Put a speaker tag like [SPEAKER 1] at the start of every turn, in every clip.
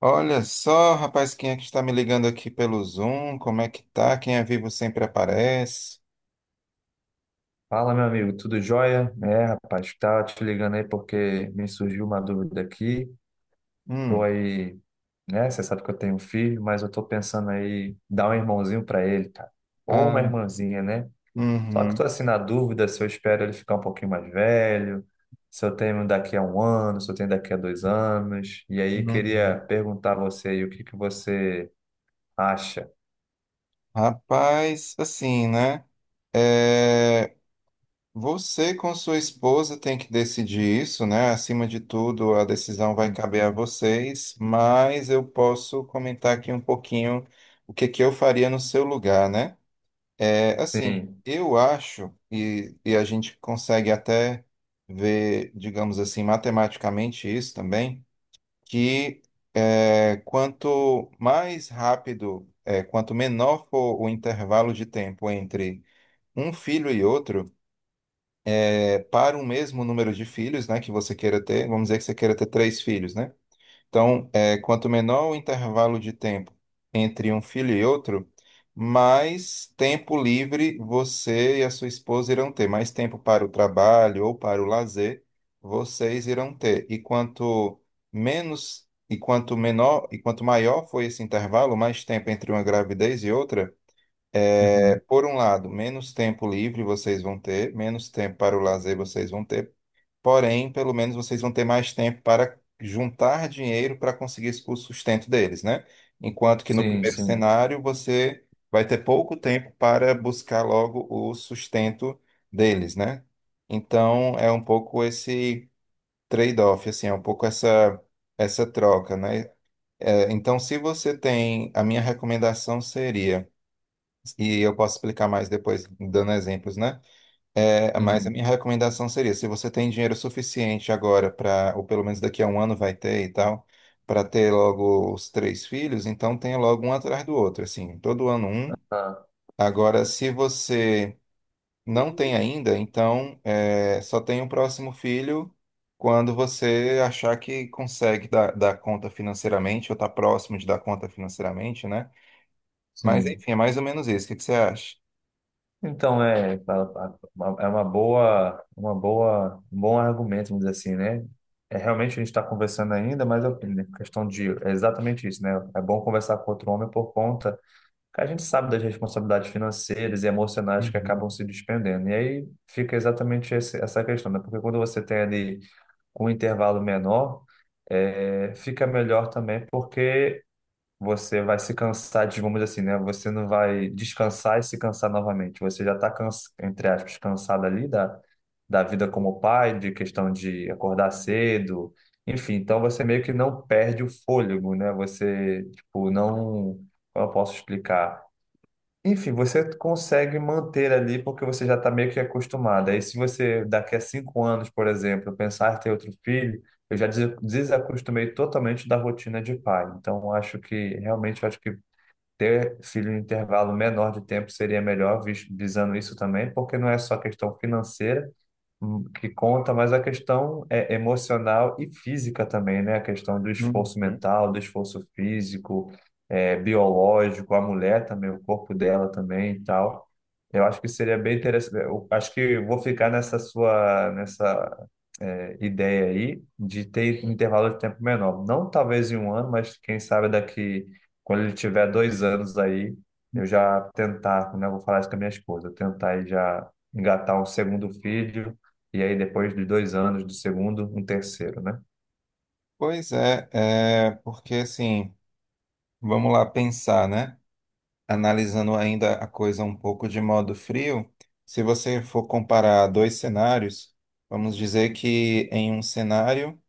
[SPEAKER 1] Olha só, rapaz, quem é que está me ligando aqui pelo Zoom? Como é que tá? Quem é vivo sempre aparece.
[SPEAKER 2] Fala, meu amigo, tudo jóia? É, rapaz, tá te ligando aí porque me surgiu uma dúvida aqui. Tô
[SPEAKER 1] Hum.
[SPEAKER 2] aí, né? Você sabe que eu tenho um filho, mas eu tô pensando aí em dar um irmãozinho pra ele, cara. Ou uma
[SPEAKER 1] Ah.
[SPEAKER 2] irmãzinha, né? Só que
[SPEAKER 1] Uhum.
[SPEAKER 2] tô assim na dúvida se eu espero ele ficar um pouquinho mais velho, se eu tenho daqui a um ano, se eu tenho daqui a 2 anos. E aí
[SPEAKER 1] Uhum.
[SPEAKER 2] queria perguntar a você aí o que que você acha.
[SPEAKER 1] Rapaz, assim, né? É, você com sua esposa tem que decidir isso, né? Acima de tudo, a decisão vai
[SPEAKER 2] Uhum.
[SPEAKER 1] caber a vocês, mas eu posso comentar aqui um pouquinho o que que eu faria no seu lugar, né? É, assim,
[SPEAKER 2] Sim.
[SPEAKER 1] eu acho, e a gente consegue até ver, digamos assim, matematicamente isso também, que é, quanto mais rápido, é, quanto menor for o intervalo de tempo entre um filho e outro, é, para o mesmo número de filhos, né, que você queira ter, vamos dizer que você queira ter três filhos, né? Então, é, quanto menor o intervalo de tempo entre um filho e outro, mais tempo livre você e a sua esposa irão ter, mais tempo para o trabalho ou para o lazer vocês irão ter. E quanto menos e quanto menor e quanto maior foi esse intervalo, mais tempo entre uma gravidez e outra, é,
[SPEAKER 2] Uhum.
[SPEAKER 1] por um lado, menos tempo livre vocês vão ter, menos tempo para o lazer vocês vão ter. Porém, pelo menos vocês vão ter mais tempo para juntar dinheiro para conseguir o sustento deles, né? Enquanto que no
[SPEAKER 2] Sim,
[SPEAKER 1] primeiro
[SPEAKER 2] sim.
[SPEAKER 1] cenário você vai ter pouco tempo para buscar logo o sustento deles, né? Então é um pouco esse trade-off, assim, é um pouco essa troca, né? É, então, se você tem, a minha recomendação seria, e eu posso explicar mais depois dando exemplos, né? É, mas a
[SPEAKER 2] Uhum.
[SPEAKER 1] minha recomendação seria, se você tem dinheiro suficiente agora para, ou pelo menos daqui a um ano vai ter e tal, para ter logo os três filhos, então tenha logo um atrás do outro, assim, todo ano um.
[SPEAKER 2] Ah,
[SPEAKER 1] Agora, se você não tem ainda, então é, só tem o próximo filho quando você achar que consegue dar conta financeiramente, ou tá próximo de dar conta financeiramente, né? Mas
[SPEAKER 2] sim.
[SPEAKER 1] enfim, é mais ou menos isso. O que que você acha?
[SPEAKER 2] Então, é, é uma boa, um bom argumento, vamos dizer assim, né? É, realmente a gente está conversando ainda, mas é questão de, é exatamente isso, né? É bom conversar com outro homem por conta que a gente sabe das responsabilidades financeiras e emocionais que
[SPEAKER 1] Uhum.
[SPEAKER 2] acabam se despendendo. E aí fica exatamente essa questão, né? Porque quando você tem ali com um intervalo menor, é, fica melhor também, porque você vai se cansar, vamos dizer assim, né? Você não vai descansar e se cansar novamente. Você já está, entre aspas, cansado ali da vida como pai, de questão de acordar cedo, enfim. Então você meio que não perde o fôlego, né? Você, tipo, não. Como eu posso explicar? Enfim, você consegue manter ali porque você já está meio que acostumado. Aí, se você daqui a 5 anos, por exemplo, pensar em ter outro filho, eu já desacostumei totalmente da rotina de pai. Então, acho que realmente acho que ter filho em intervalo menor de tempo seria melhor, visando isso também, porque não é só questão financeira, que conta, mas a questão é emocional e física também, né? A questão do esforço
[SPEAKER 1] Uhum.
[SPEAKER 2] mental, do esforço físico, é, biológico, a mulher também, o corpo dela também e tal. Eu acho que seria bem interessante. Eu acho que eu vou ficar nessa sua, nessa ideia aí de ter um intervalo de tempo menor. Não talvez em um ano, mas quem sabe daqui, quando ele tiver 2 anos aí, eu já tentar, né, eu vou falar isso com a minha esposa, eu tentar aí já engatar um segundo filho, e aí depois de 2 anos do segundo, um terceiro, né?
[SPEAKER 1] Pois é, é, porque assim. Vamos lá pensar, né? Analisando ainda a coisa um pouco de modo frio, se você for comparar dois cenários, vamos dizer que em um cenário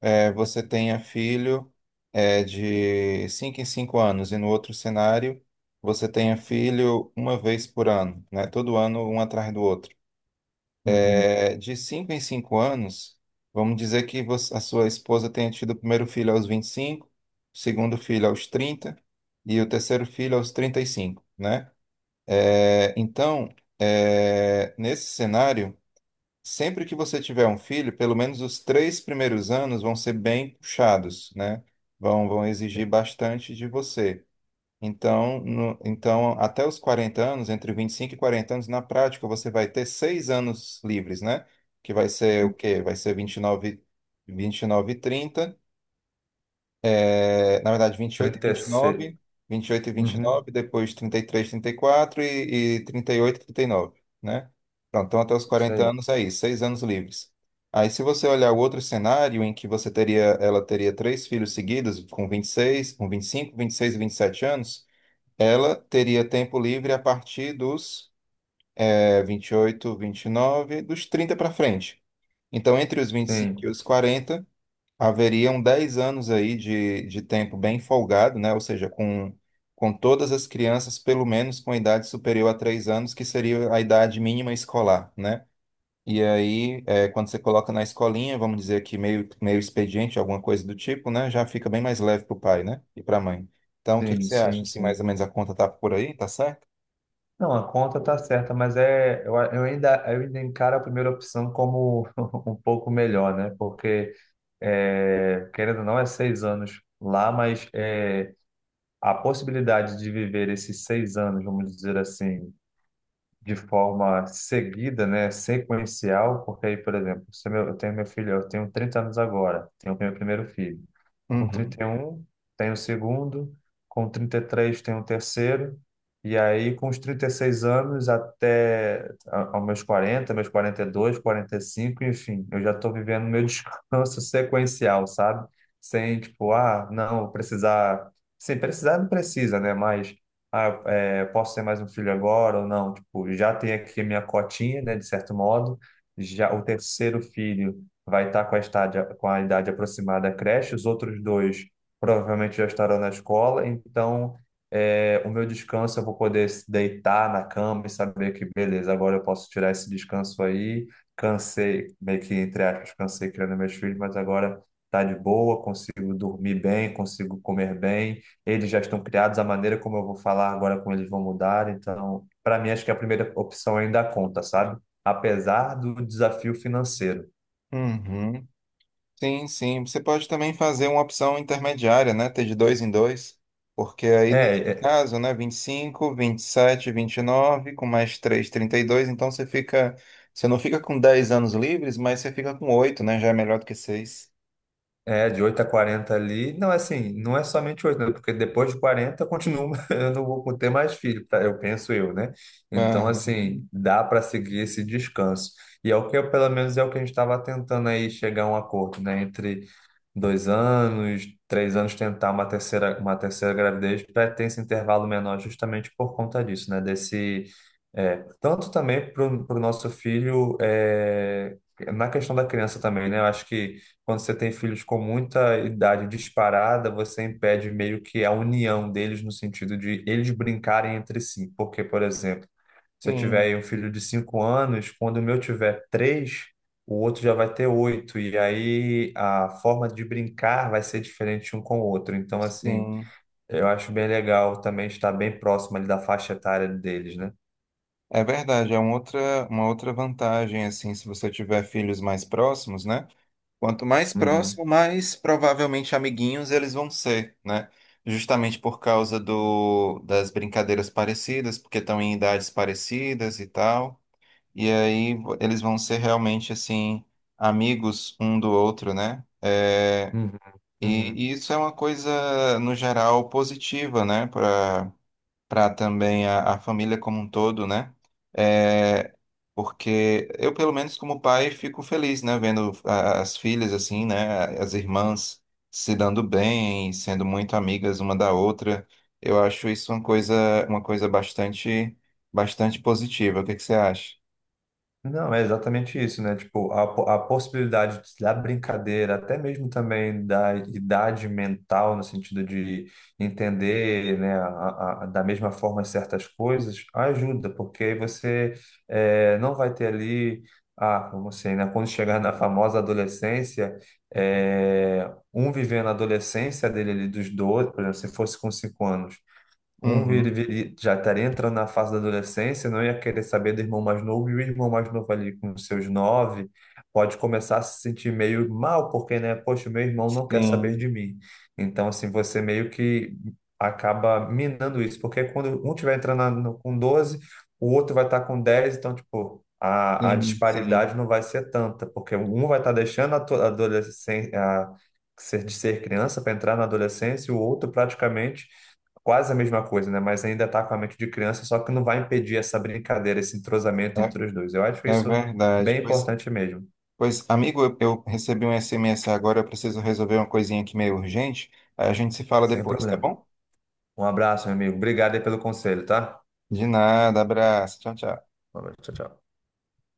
[SPEAKER 1] você tenha filho de 5 em 5 anos, e no outro cenário você tenha filho uma vez por ano, né? Todo ano, um atrás do outro.
[SPEAKER 2] Uhum.
[SPEAKER 1] É, de 5 em 5 anos, vamos dizer que você- a sua esposa tenha tido o primeiro filho aos 25, o segundo filho aos 30 e o terceiro filho aos 35, né? É, então, é, nesse cenário, sempre que você tiver um filho, pelo menos os três primeiros anos vão ser bem puxados, né? Vão exigir bastante de você. Então, então, até os 40 anos, entre 25 e 40 anos, na prática, você vai ter 6 anos livres, né? Que vai ser o quê? Vai ser vinte e nove, vinte e 30, é, na verdade, vinte e oito e vinte e
[SPEAKER 2] 36.
[SPEAKER 1] nove, vinte e oito e vinte e oito
[SPEAKER 2] Uhum,
[SPEAKER 1] nove, depois trinta e três, trinta e quatro e trinta e oito e trinta e nove, né? Pronto, então até os
[SPEAKER 2] isso
[SPEAKER 1] quarenta
[SPEAKER 2] aí.
[SPEAKER 1] anos é isso, 6 anos livres. Aí, se você olhar o outro cenário em que você teria, ela teria três filhos seguidos, com 25, 26 e 27 anos, ela teria tempo livre a partir dos é, 28, 29, dos 30 para frente. Então, entre os 25 e cinco e
[SPEAKER 2] Sim,
[SPEAKER 1] os 40, haveriam 10 anos aí de tempo bem folgado, né? Ou seja, com todas as crianças, pelo menos com idade superior a 3 anos, que seria a idade mínima escolar, né? E aí, é, quando você coloca na escolinha, vamos dizer aqui meio, meio expediente, alguma coisa do tipo, né? Já fica bem mais leve para o pai, né? E para a mãe. Então, o que que
[SPEAKER 2] sim,
[SPEAKER 1] você acha?
[SPEAKER 2] sim,
[SPEAKER 1] Se mais
[SPEAKER 2] sim.
[SPEAKER 1] ou menos a conta tá por aí, tá certo?
[SPEAKER 2] Não, a conta tá certa, mas é, eu ainda encaro a primeira opção como um pouco melhor, né? Porque, é, querendo ou não, é 6 anos lá, mas é, a possibilidade de viver esses 6 anos, vamos dizer assim, de forma seguida, né, sequencial, porque aí, por exemplo, se meu, eu tenho meu filho, eu tenho 30 anos agora, tenho meu primeiro filho. Com
[SPEAKER 1] Uhum.
[SPEAKER 2] 31, tenho o segundo, com 33, tenho o terceiro, e aí com os 36 anos até aos meus 40, meus 42, 45, enfim, eu já estou vivendo meu descanso sequencial, sabe? Sem, tipo, ah, não, vou precisar. Sim, precisar não precisa, né? Mas, ah, é, posso ter mais um filho agora ou não? Tipo, já tem aqui a minha cotinha, né, de certo modo. Já o terceiro filho vai estar com a estádia, com a idade aproximada à creche, os outros dois provavelmente já estarão na escola, então o meu descanso eu vou poder se deitar na cama e saber que, beleza, agora eu posso tirar esse descanso aí. Cansei, meio que entre aspas, cansei criando meus filhos, mas agora tá de boa, consigo dormir bem, consigo comer bem. Eles já estão criados, a maneira como eu vou falar agora, como eles vão mudar. Então, para mim, acho que a primeira opção ainda conta, sabe? Apesar do desafio financeiro.
[SPEAKER 1] Uhum. Sim, sim. Você pode também fazer uma opção intermediária, né? Ter de dois em dois. Porque aí, nesse
[SPEAKER 2] É, é.
[SPEAKER 1] caso, né? Vinte e cinco, vinte e sete, vinte e nove, com mais três, trinta e dois. Então você fica. Você não fica com 10 anos livres, mas você fica com oito, né? Já é melhor do que 6.
[SPEAKER 2] É, de 8 a 40 ali. Não, é assim, não é somente 8, né? Porque depois de 40 continua, eu não vou ter mais filho, tá? Eu penso eu, né? Então, assim, dá para seguir esse descanso. E é o que, eu, pelo menos, é o que a gente estava tentando aí chegar a um acordo, né? Entre 2 anos, 3 anos, tentar uma terceira gravidez, para ter esse intervalo menor justamente por conta disso, né? Desse, tanto também para o nosso filho, na questão da criança também, né? Eu acho que quando você tem filhos com muita idade disparada, você impede meio que a união deles no sentido de eles brincarem entre si. Porque, por exemplo, se eu tiver
[SPEAKER 1] Sim,
[SPEAKER 2] aí um filho de 5 anos, quando o meu tiver 3, o outro já vai ter 8 e aí a forma de brincar vai ser diferente um com o outro. Então, assim,
[SPEAKER 1] sim.
[SPEAKER 2] eu acho bem legal também estar bem próximo ali da faixa etária deles, né?
[SPEAKER 1] É verdade. É uma outra vantagem, assim, se você tiver filhos mais próximos, né? Quanto mais
[SPEAKER 2] Uhum,
[SPEAKER 1] próximo, mais provavelmente amiguinhos eles vão ser, né? Justamente por causa do, das brincadeiras parecidas, porque estão em idades parecidas e tal. E aí eles vão ser realmente, assim, amigos um do outro, né? É,
[SPEAKER 2] uhum, uhum.
[SPEAKER 1] e isso é uma coisa, no geral, positiva, né? Para também a família como um todo, né? É, porque eu, pelo menos como pai, fico feliz, né? Vendo as filhas assim, né? As irmãs se dando bem, sendo muito amigas uma da outra. Eu acho isso uma coisa bastante, bastante positiva. O que que você acha?
[SPEAKER 2] Não, é exatamente isso, né? Tipo, a possibilidade da brincadeira, até mesmo também da idade mental, no sentido de entender, né, da mesma forma certas coisas, ajuda, porque aí você não vai ter ali, ah, como assim, né? Quando chegar na famosa adolescência, um vivendo a adolescência dele ali dos 12, por exemplo, se fosse com 5 anos. Um
[SPEAKER 1] Uhum.
[SPEAKER 2] já estaria entrando na fase da adolescência, não ia querer saber do irmão mais novo, e o irmão mais novo ali com os seus 9 pode começar a se sentir meio mal, porque, né, poxa, o meu irmão não quer saber
[SPEAKER 1] Sim,
[SPEAKER 2] de mim. Então, assim, você meio que acaba minando isso, porque quando um tiver entrando com 12, o outro vai estar com 10, então, tipo, a
[SPEAKER 1] sim, sim.
[SPEAKER 2] disparidade não vai ser tanta, porque um vai estar deixando a adolescência, de ser criança para entrar na adolescência, e o outro praticamente quase a mesma coisa, né? Mas ainda está com a mente de criança, só que não vai impedir essa brincadeira, esse entrosamento
[SPEAKER 1] É,
[SPEAKER 2] entre os dois. Eu acho
[SPEAKER 1] é
[SPEAKER 2] isso
[SPEAKER 1] verdade.
[SPEAKER 2] bem
[SPEAKER 1] Pois,
[SPEAKER 2] importante mesmo.
[SPEAKER 1] pois, amigo, eu recebi um SMS agora, eu preciso resolver uma coisinha aqui meio urgente. A gente se fala
[SPEAKER 2] Sem
[SPEAKER 1] depois, tá
[SPEAKER 2] problema.
[SPEAKER 1] bom?
[SPEAKER 2] Um abraço, meu amigo. Obrigado aí pelo conselho, tá?
[SPEAKER 1] De nada, abraço. Tchau, tchau.
[SPEAKER 2] Um abraço. Tchau, tchau.